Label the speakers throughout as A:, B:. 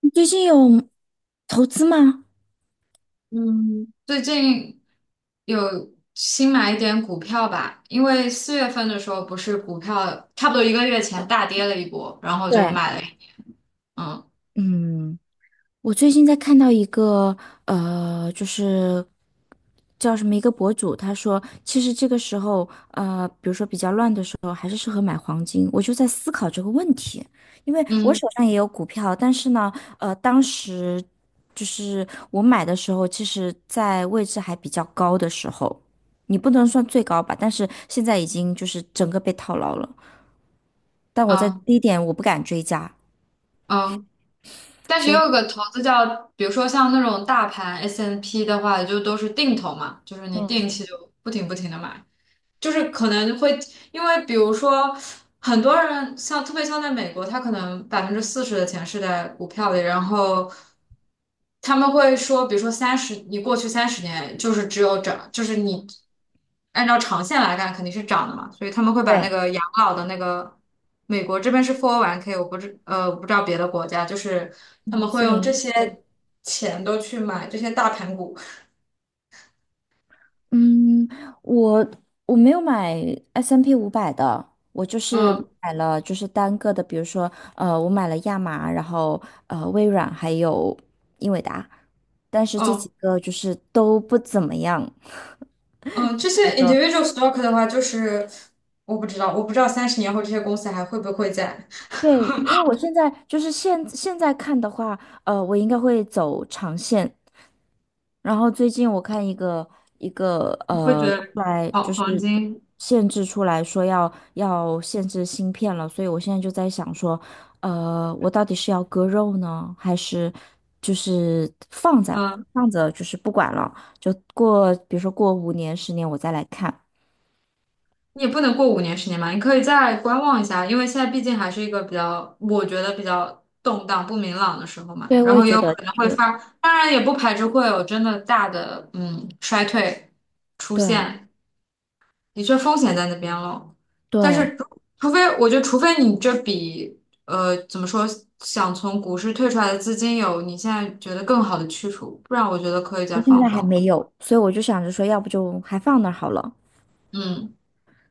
A: 你最近有投资吗？
B: 嗯，最近有新买一点股票吧。因为4月份的时候不是股票差不多一个月前大跌了一波，然后就
A: 对，
B: 买了一。嗯，
A: 嗯，我最近在看到一个就是叫什么一个博主，他说其实这个时候比如说比较乱的时候，还是适合买黄金。我就在思考这个问题，因为我
B: 嗯，
A: 手上也有股票，但是呢，当时就是我买的时候，其实在位置还比较高的时候，你不能算最高吧，但是现在已经就是整个被套牢了。但我在
B: 嗯，
A: 低点我不敢追加，
B: 嗯。但是
A: 所
B: 也
A: 以
B: 有个投资叫，比如说像那种大盘 S&P n 的话，就都是定投嘛，就是你
A: 嗯，
B: 定期就不停不停的买。就是可能会因为比如说很多人像特别像在美国，他可能40%的钱是在股票里。然后他们会说，比如说三十，你过去三十年就是只有涨，就是你按照长线来看肯定是涨的嘛，所以他们会把那
A: 对，
B: 个养老的那个美国这边是 401(k)， 我不知道别的国家，就是他们会
A: 四
B: 用
A: 零
B: 这
A: 一，
B: 些钱都去买这些大盘股。
A: 嗯，我我没有买 S&P 500的，我就是
B: 嗯，
A: 买了就是单个的，比如说我买了亚麻，然后微软还有英伟达，但是这几
B: 嗯。
A: 个就是都不怎么样。
B: 嗯，这些 individual stock 的话，就是我不知道，我不知道30年后这些公司还会不会在。
A: 对，因为我现在就是现在看的话，我应该会走长线。然后最近我看一个
B: 你会觉
A: 出
B: 得
A: 来
B: 黄
A: 就
B: 黄
A: 是
B: 金，
A: 限制出来说要限制芯片了，所以我现在就在想说，我到底是要割肉呢，还是就是放着
B: 嗯，
A: 放着就是不管了，就过比如说过5年10年我再来看。
B: 你也不能过5年10年嘛，你可以再观望一下。因为现在毕竟还是一个比较，我觉得比较动荡不明朗的时候嘛。
A: 对，
B: 然
A: 我也
B: 后也
A: 觉
B: 有
A: 得
B: 可能会
A: 是，
B: 发，当然也不排除会有真的大的衰退出
A: 对
B: 现，的确风险在那边了。但
A: 对。
B: 是除非我觉得，除非你这笔怎么说，想从股市退出来的资金有你现在觉得更好的去处，不然我觉得可以再
A: 现
B: 放
A: 在还
B: 放。
A: 没有，所以我就想着说，要不就还放那儿好了。
B: 嗯，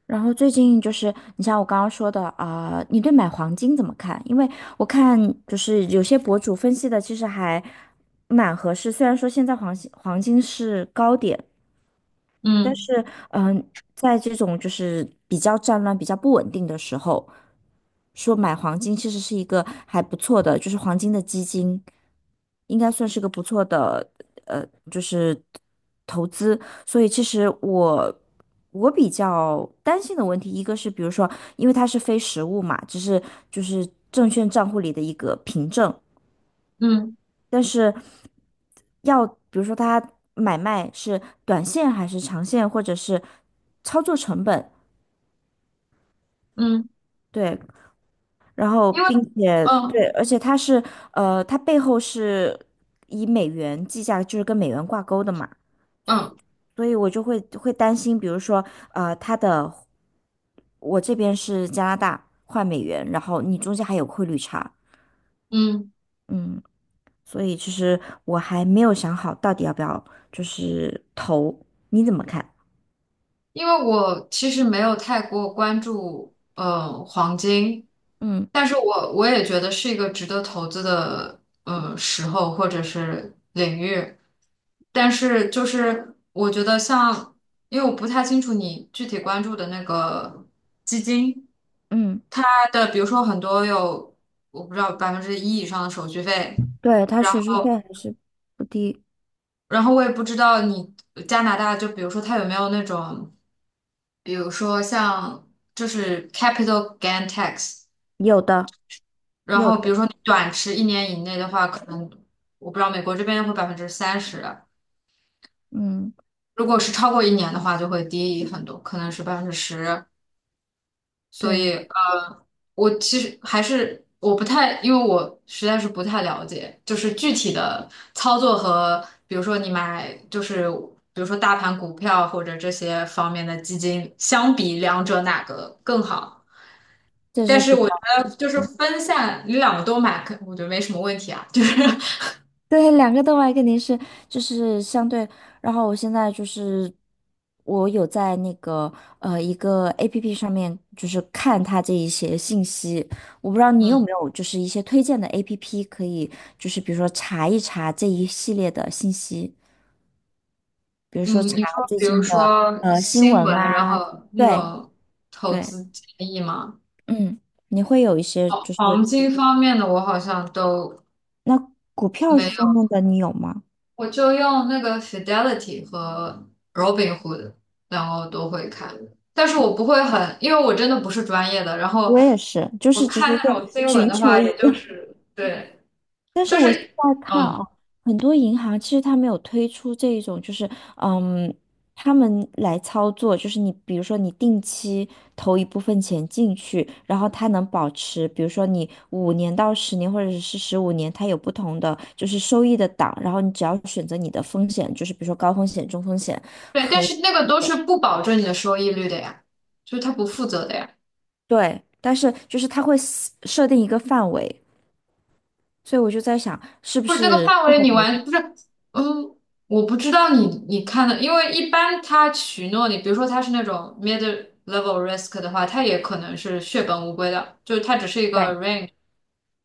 A: 然后最近就是，你像我刚刚说的啊、你对买黄金怎么看？因为我看就是有些博主分析的，其实还蛮合适。虽然说现在黄金是高点，但
B: 嗯，
A: 是，在这种就是比较战乱、比较不稳定的时候，说买黄金其实是一个还不错的，就是黄金的基金，应该算是个不错的，呃，就是投资。所以，其实我比较担心的问题，一个是比如说，因为它是非实物嘛，只是就是证券账户里的一个凭证。
B: 嗯，
A: 但是要比如说他买卖是短线还是长线，或者是操作成本，
B: 嗯。
A: 对，然后
B: 因为。
A: 并且
B: 嗯，
A: 对，而且它是它背后是以美元计价，就是跟美元挂钩的嘛，
B: 嗯，
A: 所以我就会担心，比如说它的我这边是加拿大换美元，然后你中间还有汇率差，
B: 嗯。
A: 嗯，所以其实我还没有想好到底要不要就是投，你怎么看？
B: 因为我其实没有太过关注黄金，
A: 嗯
B: 但是我也觉得是一个值得投资的时候或者是领域。但是就是我觉得像，因为我不太清楚你具体关注的那个基金，
A: 嗯，
B: 它的比如说很多有我不知道百分之一以上的手续费。
A: 对，他
B: 然
A: 手续费
B: 后
A: 还是不低，
B: 然后我也不知道你加拿大就比如说它有没有那种，比如说像就是 capital gain tax。
A: 有的
B: 然
A: 有
B: 后比如
A: 的，
B: 说你短持一年以内的话，可能我不知道美国这边会30%啊。
A: 嗯，
B: 如果是超过一年的话，就会低很多，可能是10%。所以
A: 对，
B: 我其实还是我不太，因为我实在是不太了解，就是具体的操作和，比如说你买，就是比如说大盘股票或者这些方面的基金，相比两者哪个更好？
A: 这
B: 但
A: 是
B: 是
A: 比较
B: 我觉得就是
A: 对，
B: 分散，你两个都买，可我觉得没什么问题啊。就是
A: 对，两个都脉肯定是就是相对，然后我现在就是我有在那个一个 APP 上面就是看它这一些信息，我不知道你有没
B: 嗯，
A: 有就是一些推荐的 APP 可以就是比如说查一查这一系列的信息，比如说
B: 嗯，
A: 查
B: 你说
A: 最
B: 比如
A: 近的
B: 说
A: 新
B: 新
A: 闻
B: 闻，然
A: 啊，
B: 后那
A: 对
B: 种投
A: 对。
B: 资建议吗？
A: 嗯，你会有一些就是
B: 黄金方面的我好像都。
A: 那股票方
B: 没。
A: 面的你有吗？
B: 我就用那个 Fidelity 和 Robinhood，然后都会看，但是我不会很，因为我真的不是专业的。然后
A: 我也是，就
B: 我
A: 是只
B: 看
A: 是
B: 那种
A: 说
B: 新闻
A: 寻
B: 的
A: 求
B: 话，
A: 一
B: 也
A: 个，
B: 就是对，
A: 但是
B: 就
A: 我现
B: 是
A: 在看
B: 嗯，
A: 啊，很多银行其实它没有推出这一种，就是嗯，他们来操作，就是你比如说你定期投一部分钱进去，然后它能保持，比如说你5年到10年或者是15年，它有不同的就是收益的档，然后你只要选择你的风险，就是比如说高风险、中风险。
B: 对，但
A: 和。
B: 是那个都是不保证你的收益率的呀，就是他不负责的呀。
A: 对，但是就是它会 设定一个范围，所以我就在想，是不
B: 不是那个
A: 是
B: 范
A: 适
B: 围
A: 合
B: 你
A: 投资？
B: 完不是。嗯，我不知道你看的，因为一般他许诺你，比如说他是那种 mid level risk 的话，他也可能是血本无归的，就是它只是一个
A: 对，
B: range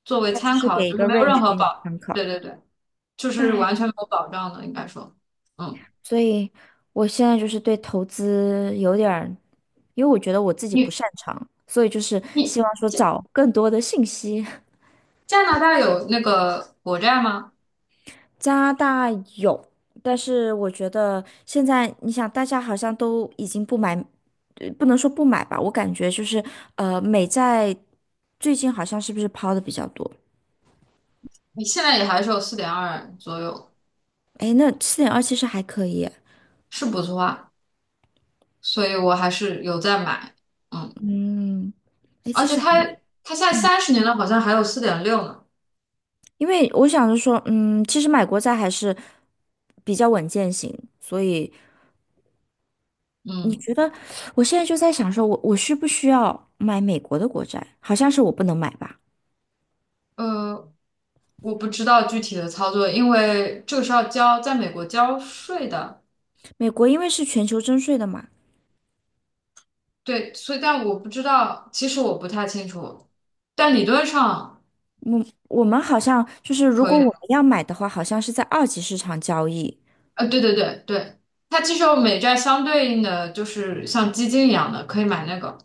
B: 作为
A: 它就
B: 参
A: 是
B: 考，
A: 给一
B: 就是
A: 个
B: 没有任
A: range
B: 何
A: 给你
B: 保，
A: 参
B: 对，
A: 考。
B: 对，对，就是完全
A: 唉，
B: 没有保障的，应该说。嗯，
A: 所以我现在就是对投资有点儿，因为我觉得我自己不
B: 你
A: 擅长，所以就是
B: 你
A: 希望说
B: 加
A: 找更多的信息。
B: 加拿大有那个国债吗？
A: 加拿大有，但是我觉得现在你想，大家好像都已经不买，不能说不买吧，我感觉就是美债最近好像是不是抛的比较多？
B: 你现在也还是有4.2左右，
A: 哎，那7.2其实还可以，
B: 是不错啊，所以我还是有在买。嗯。
A: 嗯，哎，
B: 而
A: 其
B: 且
A: 实还，
B: 它现在三十年了，好像还有4.6呢。
A: 因为我想着说，嗯，其实买国债还是比较稳健型，所以你
B: 嗯，
A: 觉得，我现在就在想说，我需不需要买美国的国债？好像是我不能买吧？
B: 呃，我不知道具体的操作，因为这个是要交在美国交税的。
A: 美国因为是全球征税的嘛，
B: 对，所以但我不知道，其实我不太清楚，但理论上
A: 我们好像就是如
B: 可以
A: 果我
B: 的。
A: 们要买的话，好像是在二级市场交易，
B: 对，对，对，对，它其实有美债相对应的，就是像基金一样的，可以买那个。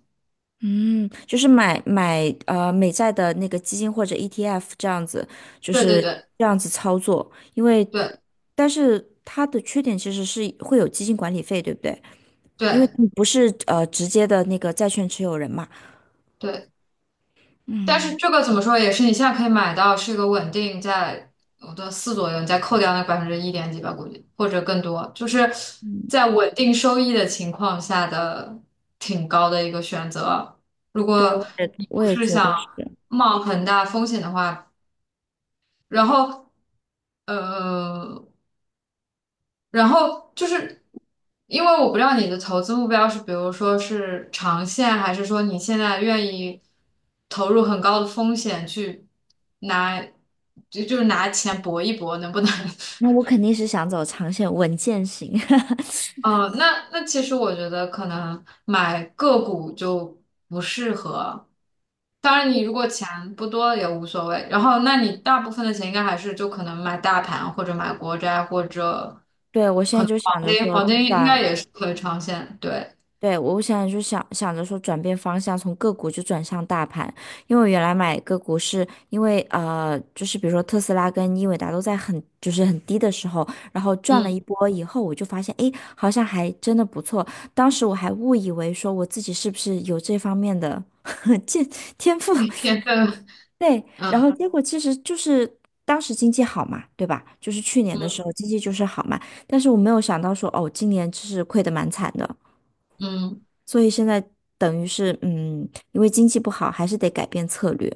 A: 嗯，就是买美债的那个基金或者 ETF 这样子，就
B: 对，对，
A: 是
B: 对，
A: 这样子操作。因为，
B: 对，
A: 但是它的缺点其实是会有基金管理费，对不对？因为
B: 对，
A: 你不是直接的那个债券持有人嘛。
B: 对。但是这个怎么说也是你现在可以买到，是一个稳定在我的四左右，你再扣掉那百分之一点几吧，估计或者更多，就是
A: 嗯，
B: 在稳定收益的情况下的挺高的一个选择。如
A: 对，
B: 果你
A: 我
B: 不
A: 也
B: 是
A: 觉
B: 想
A: 得是。
B: 冒很大风险的话，然后呃，然后就是因为我不知道你的投资目标是，比如说是长线，还是说你现在愿意投入很高的风险去拿，就是拿钱搏一搏，能不能？
A: 那 我肯定是想走长线稳健型。
B: 哦，那那其实我觉得可能买个股就不适合。当然，你如果钱不多也无所谓。然后，那你大部分的钱应该还是就可能买大盘或者买国债或者
A: 对，我现
B: 可
A: 在
B: 能
A: 就
B: 黄
A: 想着
B: 金，
A: 说
B: 黄金应该
A: 转。
B: 也是可以长线。对，
A: 对，我想就想想着说转变方向，从个股就转向大盘，因为我原来买个股是因为就是比如说特斯拉跟英伟达都在很就是很低的时候，然后赚了
B: 嗯，
A: 一波以后，我就发现诶，好像还真的不错。当时我还误以为说我自己是不是有这方面的 见天赋，
B: 天分。
A: 对，然
B: 嗯，
A: 后结果其实就是当时经济好嘛，对吧？就是去年的
B: 嗯，
A: 时候经济就是好嘛，但是我没有想到说哦，今年就是亏得蛮惨的。
B: 嗯。
A: 所以现在等于是，因为经济不好，还是得改变策略。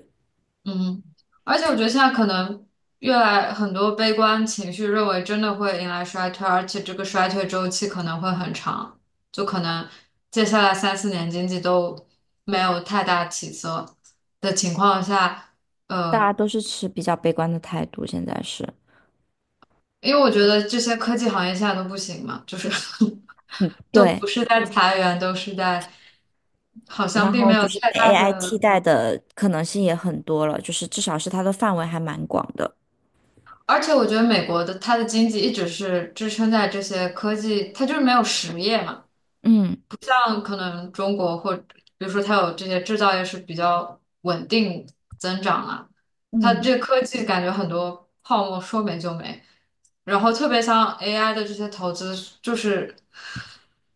B: 嗯，而且我觉得现在可能越来很多悲观情绪认为真的会迎来衰退，而且这个衰退周期可能会很长，就可能接下来三四年经济都没有太大起色的情况下。
A: 大
B: 呃，
A: 家都是持比较悲观的态度，现在是。
B: 因为我觉得这些科技行业现在都不行嘛，就是 都不
A: 对，
B: 是在裁员，都是在好像
A: 然
B: 并
A: 后
B: 没有
A: 就是
B: 太
A: 被
B: 大
A: AI 替
B: 的。
A: 代的可能性也很多了，就是至少是它的范围还蛮广的。
B: 而且我觉得美国的它的经济一直是支撑在这些科技，它就是没有实业嘛。
A: 嗯
B: 像可能中国或比如说它有这些制造业是比较稳定增长啊，它
A: 嗯，
B: 这科技感觉很多泡沫说没就没。然后特别像 AI 的这些投资，就是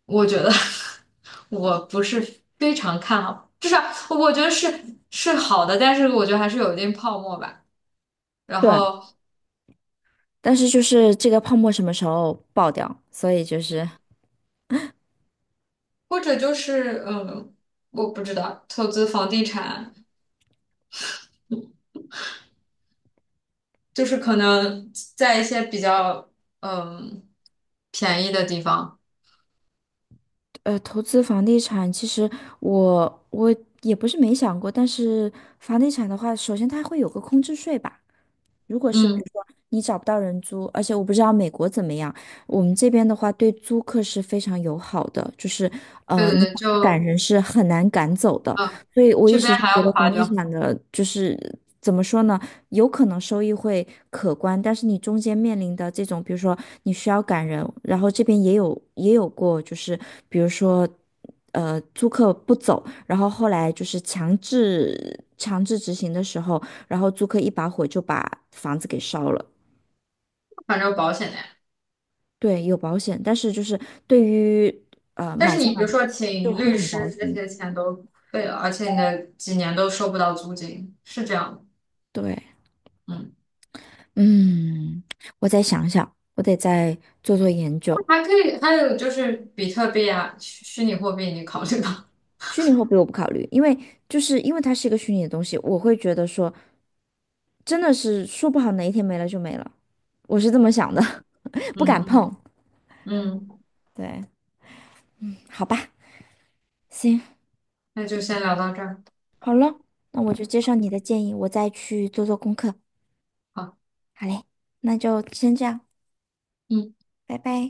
B: 我觉得 我不是非常看好，至少我觉得是是好的，但是我觉得还是有一定泡沫吧。然
A: 对。
B: 后
A: 但是就是这个泡沫什么时候爆掉？所以就是，
B: 或者就是嗯，我不知道，投资房地产就是可能在一些比较嗯便宜的地方。
A: 投资房地产，其实我也不是没想过，但是房地产的话，首先它会有个空置税吧。如果是比
B: 嗯，
A: 如说你找不到人租，而且我不知道美国怎么样，我们这边的话对租客是非常友好的，就是
B: 对，对，
A: 你
B: 对，
A: 想赶
B: 就
A: 人是很难赶走的，
B: 啊
A: 所以我
B: 这
A: 一
B: 边
A: 直是
B: 还
A: 觉
B: 要
A: 得
B: 夸
A: 房地
B: 张。
A: 产的就是怎么说呢，有可能收益会可观，但是你中间面临的这种，比如说你需要赶人，然后这边也有过，就是比如说。租客不走，然后后来就是强制执行的时候，然后租客一把火就把房子给烧了。
B: 反正有保险的呀。
A: 对，有保险，但是就是对于
B: 但是
A: 买家
B: 你比
A: 来
B: 如说
A: 就
B: 请
A: 会
B: 律
A: 很
B: 师
A: 糟
B: 这
A: 心。
B: 些钱都废了，而且你的几年都收不到租金，是这样的。
A: 对，
B: 嗯，
A: 嗯，我再想想，我得再做做研究。
B: 还可以，还有就是比特币啊，虚拟货币，你考虑吧。
A: 虚拟货币我不考虑，因为它是一个虚拟的东西，我会觉得说真的是说不好哪一天没了就没了，我是这么想的，不敢
B: 嗯，
A: 碰。
B: 嗯，
A: 对，好吧，行，
B: 那就先聊到这儿。
A: 好了，那我就接受你的建议，我再去做做功课。
B: 好。
A: 好嘞，那就先这样，
B: 嗯。
A: 拜拜。